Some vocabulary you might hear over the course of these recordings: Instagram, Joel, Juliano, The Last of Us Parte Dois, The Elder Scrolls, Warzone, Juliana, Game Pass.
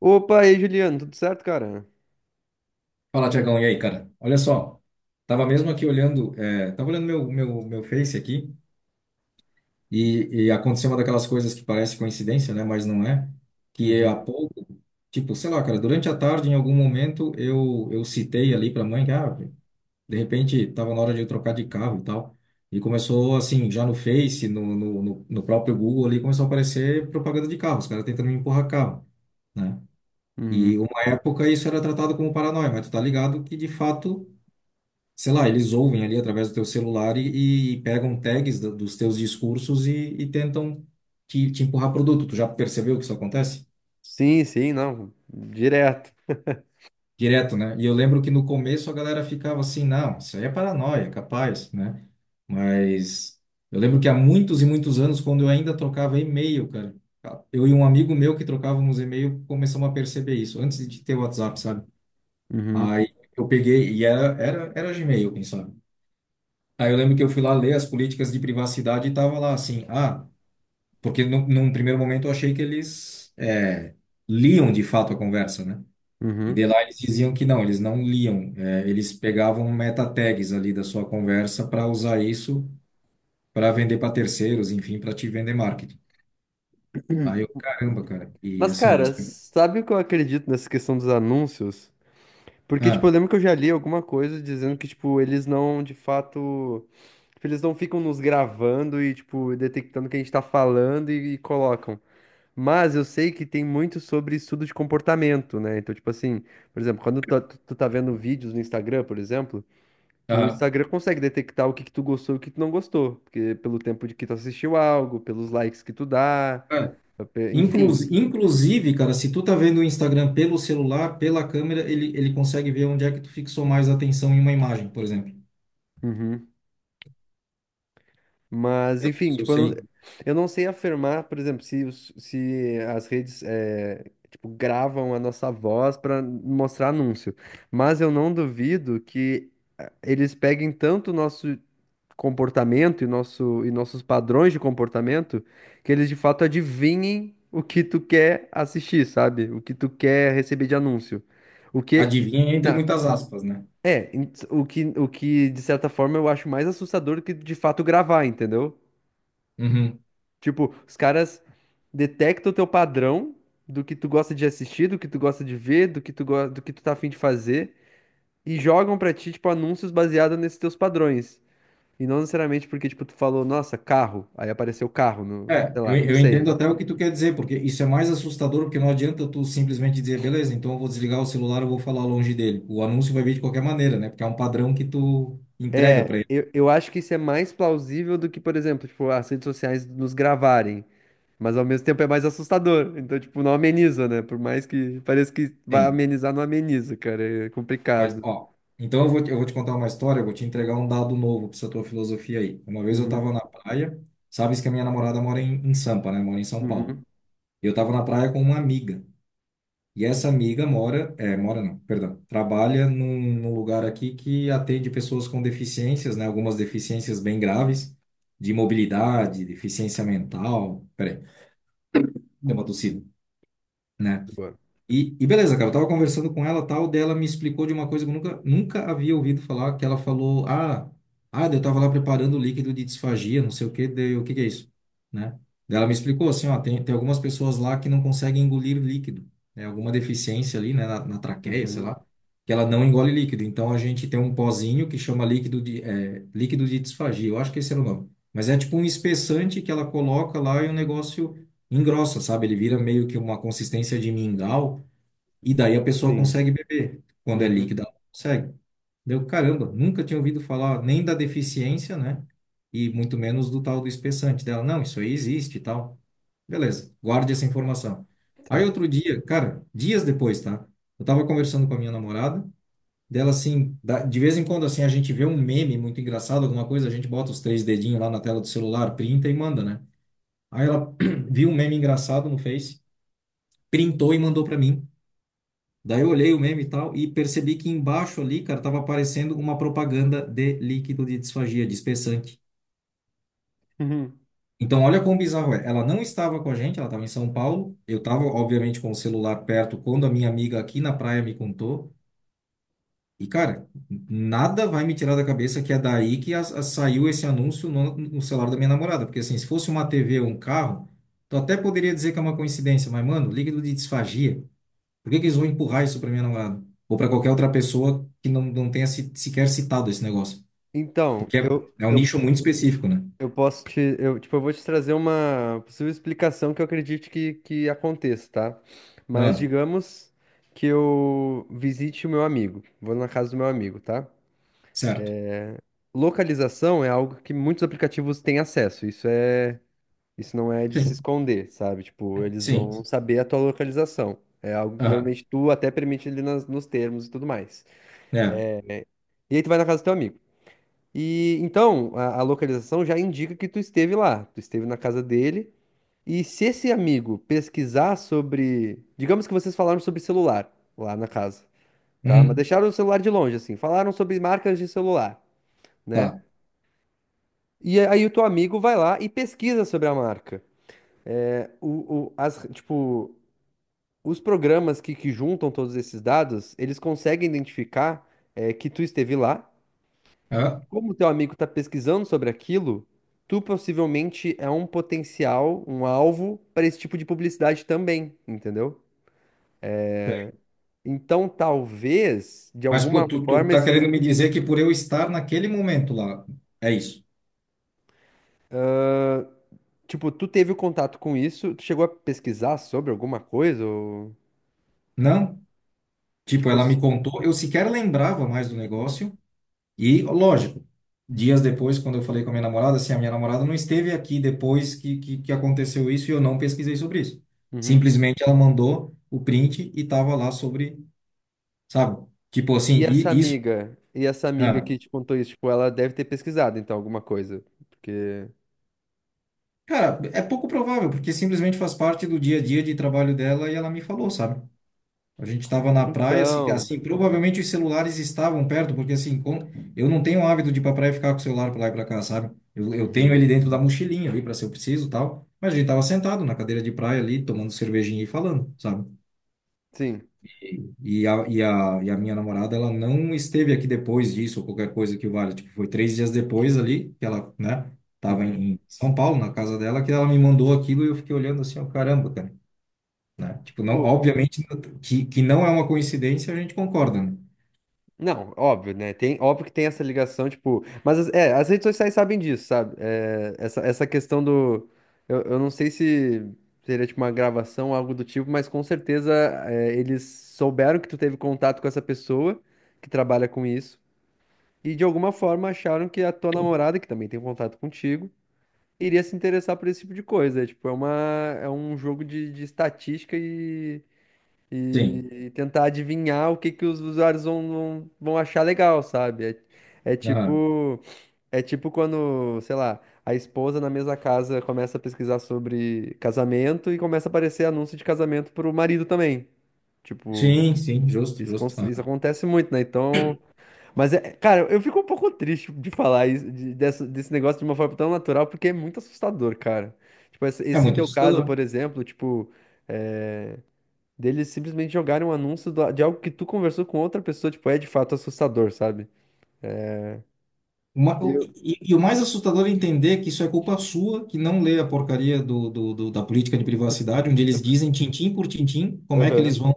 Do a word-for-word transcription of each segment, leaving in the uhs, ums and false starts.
Opa, e aí, Juliano, tudo certo, cara? Fala, Tiagão, e aí, cara? Olha só, tava mesmo aqui olhando, é, tava olhando meu, meu, meu Face aqui e, e aconteceu uma daquelas coisas que parece coincidência, né? Mas não é. Que é Uhum, há pouco, tipo, sei lá, cara, durante a tarde, em algum momento, eu, eu citei ali pra mãe que, ah, de repente, tava na hora de eu trocar de carro e tal. E começou, assim, já no Face, no, no, no no próprio Google ali, começou a aparecer propaganda de carro, os caras tentando me empurrar carro, né? uhum. E uma época isso era tratado como paranoia, mas tu tá ligado que, de fato, sei lá, eles ouvem ali através do teu celular e, e pegam tags do- dos teus discursos e, e tentam te, te empurrar produto. Tu já percebeu que isso acontece? Sim, sim, não, direto. Direto, né? E eu lembro que no começo a galera ficava assim, não, isso aí é paranoia, capaz, né? Mas eu lembro que há muitos e muitos anos, quando eu ainda trocava e-mail, cara, eu e um amigo meu que trocávamos e-mail começamos a perceber isso, antes de ter WhatsApp, sabe? Uhum, Aí eu peguei, e era, era, era Gmail, quem sabe? Aí eu lembro que eu fui lá ler as políticas de privacidade e tava lá assim, ah, porque num, num primeiro momento eu achei que eles é, liam de fato a conversa, né? E de uhum. lá eles diziam que não, eles não liam, é, eles pegavam meta tags ali da sua conversa para usar isso para vender para terceiros, enfim, para te vender marketing. Aí eu, caramba, cara, e Mas, assim cara, você. sabe o que eu acredito nessa questão dos anúncios? Porque, tipo, eu Ah, lembro que eu já li alguma coisa dizendo que, tipo, eles não, de fato, tipo, eles não ficam nos gravando e, tipo, detectando o que a gente tá falando e, e colocam. Mas eu sei que tem muito sobre estudo de comportamento, né? Então, tipo assim, por exemplo, quando tu, tá, tu tu tá vendo vídeos no Instagram, por exemplo. O ah, Instagram consegue detectar o que que tu gostou e o que tu não gostou, porque pelo tempo de que tu assistiu algo, pelos likes que tu dá, ah. pe- enfim. Inclus, inclusive, cara, se tu tá vendo o Instagram pelo celular, pela câmera, ele, ele consegue ver onde é que tu fixou mais atenção em uma imagem, por exemplo. Uhum. Mas, enfim, Se eu tipo, eu não, sei, eu não sei afirmar, por exemplo, se, os- se as redes, eh, tipo, gravam a nossa voz para mostrar anúncio. Mas eu não duvido que eh, eles peguem tanto o nosso comportamento e, nosso, e nossos padrões de comportamento que eles de fato adivinhem o que tu quer assistir, sabe? O que tu quer receber de anúncio. O que. adivinha entre Na, muitas aspas, né? é, em- o que, o que de certa forma eu acho mais assustador do que de fato gravar, entendeu? Uhum. Tipo, os caras detectam o teu padrão do que tu gosta de assistir, do que tu gosta de ver, do que tu, go- do que tu tá afim de fazer. E jogam pra ti, tipo, anúncios baseados nesses teus padrões. E não necessariamente porque, tipo, tu falou, nossa, carro. Aí apareceu carro no, É, sei eu, lá, eu não eu entendo sei. até o que tu quer dizer, porque isso é mais assustador, porque não adianta tu simplesmente dizer, beleza, então eu vou desligar o celular, eu vou falar longe dele. O anúncio vai vir de qualquer maneira, né? Porque é um padrão que tu entrega para É, ele. eu, eu acho que isso é mais plausível do que, por exemplo, tipo, as redes sociais nos gravarem. Mas ao mesmo tempo é mais assustador. Então, tipo, não ameniza, né? Por mais que pareça que vai Tem. amenizar, não ameniza, cara. É Mas, complicado. ó, então eu vou, te- eu vou te contar uma história, eu vou te entregar um dado novo para essa tua filosofia aí. Uma vez eu Uhum, tava na praia, sabes que a minha namorada mora em, em Sampa, né? Mora em São Paulo. uhum. E eu tava na praia com uma amiga. E essa amiga mora, é, mora não, perdão, trabalha num, num lugar aqui que atende pessoas com deficiências, né? Algumas deficiências bem graves, de mobilidade, deficiência mental. Peraí, deu uma tossida, né? De boa. E, e beleza, cara, eu tava conversando com ela, tal, dela me explicou de uma coisa que eu nunca, nunca havia ouvido falar, que ela falou, ah, ah, daí eu tava lá preparando o líquido de disfagia, não sei o que, daí eu, o que que é isso, né? Daí ela me explicou assim, ó, tem, tem algumas pessoas lá que não conseguem engolir líquido, né? Alguma deficiência ali, né, na, na traqueia, sei Uhum, lá, que ela não engole líquido. Então a gente tem um pozinho que chama líquido de, é, líquido de disfagia, eu acho que esse era o nome. Mas é tipo um espessante que ela coloca lá e o negócio engrossa, sabe? Ele vira meio que uma consistência de mingau, e daí a pessoa sim. consegue beber. Quando é Uhum, líquida, ela não consegue. Deu, caramba, nunca tinha ouvido falar nem da deficiência, né? E muito menos do tal do espessante dela. Não, isso aí existe e tal. Beleza, guarde essa informação. Aí tá. outro dia, cara, dias depois, tá? Eu tava conversando com a minha namorada, dela assim, da- de vez em quando assim a gente vê um meme muito engraçado, alguma coisa, a gente bota os três dedinhos lá na tela do celular, printa e manda, né? Aí ela viu um meme engraçado no Face, printou e mandou pra mim. Daí eu olhei o meme e tal e percebi que embaixo ali, cara, tava aparecendo uma propaganda de líquido de disfagia, de espessante. Uhum. Então, olha quão bizarro é. Ela não estava com a gente, ela estava em São Paulo. Eu estava, obviamente, com o celular perto quando a minha amiga aqui na praia me contou. E, cara, nada vai me tirar da cabeça que é daí que as- as- saiu esse anúncio no, no celular da minha namorada. Porque, assim, se fosse uma T V ou um carro, tu até poderia dizer que é uma coincidência, mas, mano, líquido de disfagia. Por que que eles vão empurrar isso para minha namorada? Ou para qualquer outra pessoa que não, não tenha se, sequer citado esse negócio? Então, Porque é, eu, é um nicho eu muito específico, né? Eu posso te, eu, tipo, eu vou te trazer uma possível explicação que eu acredite que, que aconteça, tá? Mas Ah, digamos que eu visite o meu amigo, vou na casa do meu amigo, tá? certo. Localização é algo que muitos aplicativos têm acesso, isso é, isso não é de se Sim. esconder, sabe? Tipo, eles Sim. vão sim. saber a tua localização. É algo que Aham. normalmente tu até permite ali nas- nos termos e tudo mais. É. E aí tu vai na casa do teu amigo. E então, a, a localização já indica que tu esteve lá, tu esteve na casa dele. E se esse amigo pesquisar sobre. Digamos que vocês falaram sobre celular lá na casa, tá? Mas Uhum. deixaram o celular de longe, assim. Falaram sobre marcas de celular, né? Tá. E aí o teu amigo vai lá e pesquisa sobre a marca. É, O, o- as, tipo, os programas que, que juntam todos esses dados, eles conseguem identificar é, que tu esteve lá. Ah, Como o teu amigo está pesquisando sobre aquilo, tu possivelmente é um potencial, um alvo para esse tipo de publicidade também, entendeu? bem. Então, talvez, de Mas pô, alguma tu, tu forma, tá esses. querendo me dizer que por eu estar naquele momento lá, é isso? Tipo, tu teve o contato com isso, tu chegou a pesquisar sobre alguma coisa? Ou... Não? Tipo, Tipo, ela isso... me contou, eu sequer lembrava mais do negócio. E, lógico, dias depois, quando eu falei com a minha namorada, assim, a minha namorada não esteve aqui depois que, que, que aconteceu isso e eu não pesquisei sobre isso. Uhum. Simplesmente ela mandou o print e tava lá sobre, sabe? Tipo assim, E essa e isso. amiga, e essa amiga Ah, que te contou isso, tipo, ela deve ter pesquisado, então, alguma coisa. Porque. cara, é pouco provável, porque simplesmente faz parte do dia a dia de trabalho dela e ela me falou, sabe? A gente estava na praia, assim, que- Então. assim, provavelmente os celulares estavam perto, porque assim, como eu não tenho o hábito de ir pra praia e ficar com o celular pra lá e pra cá, sabe? Eu, eu tenho Uhum. ele dentro da mochilinha ali para se eu preciso, e tal. Mas a gente tava sentado na cadeira de praia ali, tomando cervejinha e falando, sabe? Sim. E a, e a, e a minha namorada, ela não esteve aqui depois disso, ou qualquer coisa que valha. Tipo, foi três dias depois ali, que ela, né, tava em Uhum. em São Paulo, na casa dela, que ela me mandou aquilo e eu fiquei olhando assim, ó, caramba, cara. Né? Tipo, não, Tipo, obviamente que, que não é uma coincidência, a gente concorda, né? não, óbvio, né? Tem, óbvio que tem essa ligação, tipo. Mas as- é, as redes sociais sabem disso, sabe? É, essa, essa questão do. Eu, eu não sei se seria tipo uma gravação, algo do tipo, mas com certeza é, eles souberam que tu teve contato com essa pessoa que trabalha com isso. E de alguma forma acharam que a tua namorada, que também tem contato contigo, iria se interessar por esse tipo de coisa. É, tipo, é uma, é um jogo de, de estatística Sim. e e tentar adivinhar o que que os usuários vão, vão, vão achar legal, sabe? É, é Aham. tipo, é tipo quando, sei lá, a esposa na mesma casa começa a pesquisar sobre casamento e começa a aparecer anúncio de casamento pro marido também. Tipo, Sim, sim, justo, isso, justo. cons- isso Aham. acontece muito, né? Então. Mas, é, cara, eu fico um pouco triste de falar isso, de- dessa- desse negócio de uma forma tão natural, porque é muito assustador, cara. Tipo, esse, É esse muito teu caso, assustador. por exemplo, tipo. eh, Deles simplesmente jogarem um anúncio do- de algo que tu conversou com outra pessoa, tipo, é de fato assustador, sabe? Uma- o- Eu. e, e o mais assustador é entender que isso é culpa sua, que não lê a porcaria do, do- do- da política de privacidade, onde eles dizem tintim por tintim como é que Aham. eles vão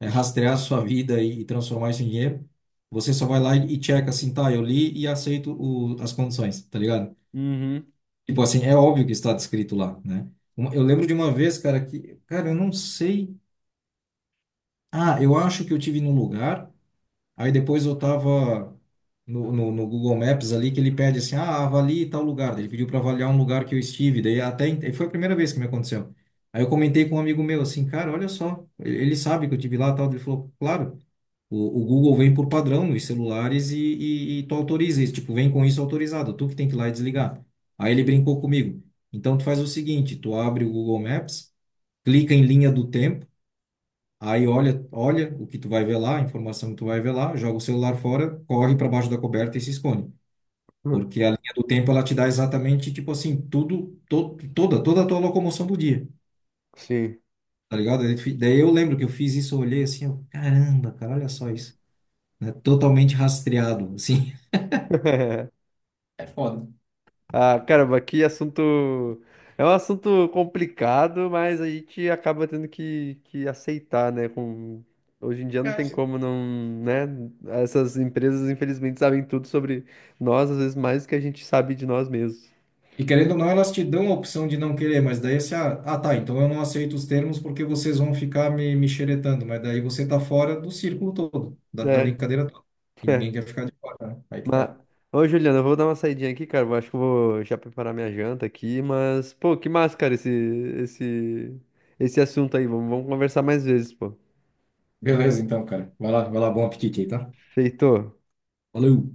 eh, rastrear a sua vida e, e transformar isso em dinheiro. Você só vai lá e, e checa assim, tá, eu li e aceito o- as condições, tá ligado? Uhum. Tipo assim, é óbvio que está descrito lá, né? Uma- eu lembro de uma vez, cara, que, cara, eu não sei. Ah, eu acho que eu tive num lugar. Aí depois eu tava no, no, no Google Maps ali que ele pede assim, ah, avalie tal lugar. Daí ele pediu para avaliar um lugar que eu estive. Daí até ent- foi a primeira vez que me aconteceu. Aí eu comentei com um amigo meu assim, cara, olha só, ele, ele sabe que eu tive lá e tal. Ele falou, claro, o, o Google vem por padrão nos celulares e, e, e tu autoriza isso, tipo, vem com isso autorizado, tu que tem que ir lá e desligar. Aí ele brincou comigo. Então tu faz o seguinte, tu abre o Google Maps, clica em linha do tempo. Aí olha, olha o que tu vai ver lá, a informação que tu vai ver lá, joga o celular fora, corre para baixo da coberta e se esconde. Porque a linha do tempo ela te dá exatamente, tipo assim, tudo, to, toda, toda a tua locomoção do dia, Sim. tá ligado? Daí tu fi- daí eu lembro que eu fiz isso, eu olhei assim, eu, caramba, cara, olha só isso, né? Totalmente rastreado, assim. É foda. Ah, caramba, que assunto. É um assunto complicado, mas a gente acaba tendo que, que aceitar, né? Com... Hoje em dia não tem como não, né? Essas empresas, infelizmente, sabem tudo sobre nós, às vezes mais do que a gente sabe de nós mesmos, E querendo ou não, elas te dão a opção de não querer, mas daí você, ah, ah, tá, então eu não aceito os termos porque vocês vão ficar me, me xeretando, mas daí você tá fora do círculo todo, da, da né? brincadeira toda. E ninguém quer ficar de fora, né? Aí que Mas, tá. ô Juliana, eu vou dar uma saidinha aqui, cara. Eu acho que eu vou já preparar minha janta aqui, mas, pô, que massa, cara, esse, esse, esse assunto aí. Vamos, vamos conversar mais vezes, pô. Beleza, então, cara. Vai lá, vai lá, bom apetite aí, tá? Feito. Valeu!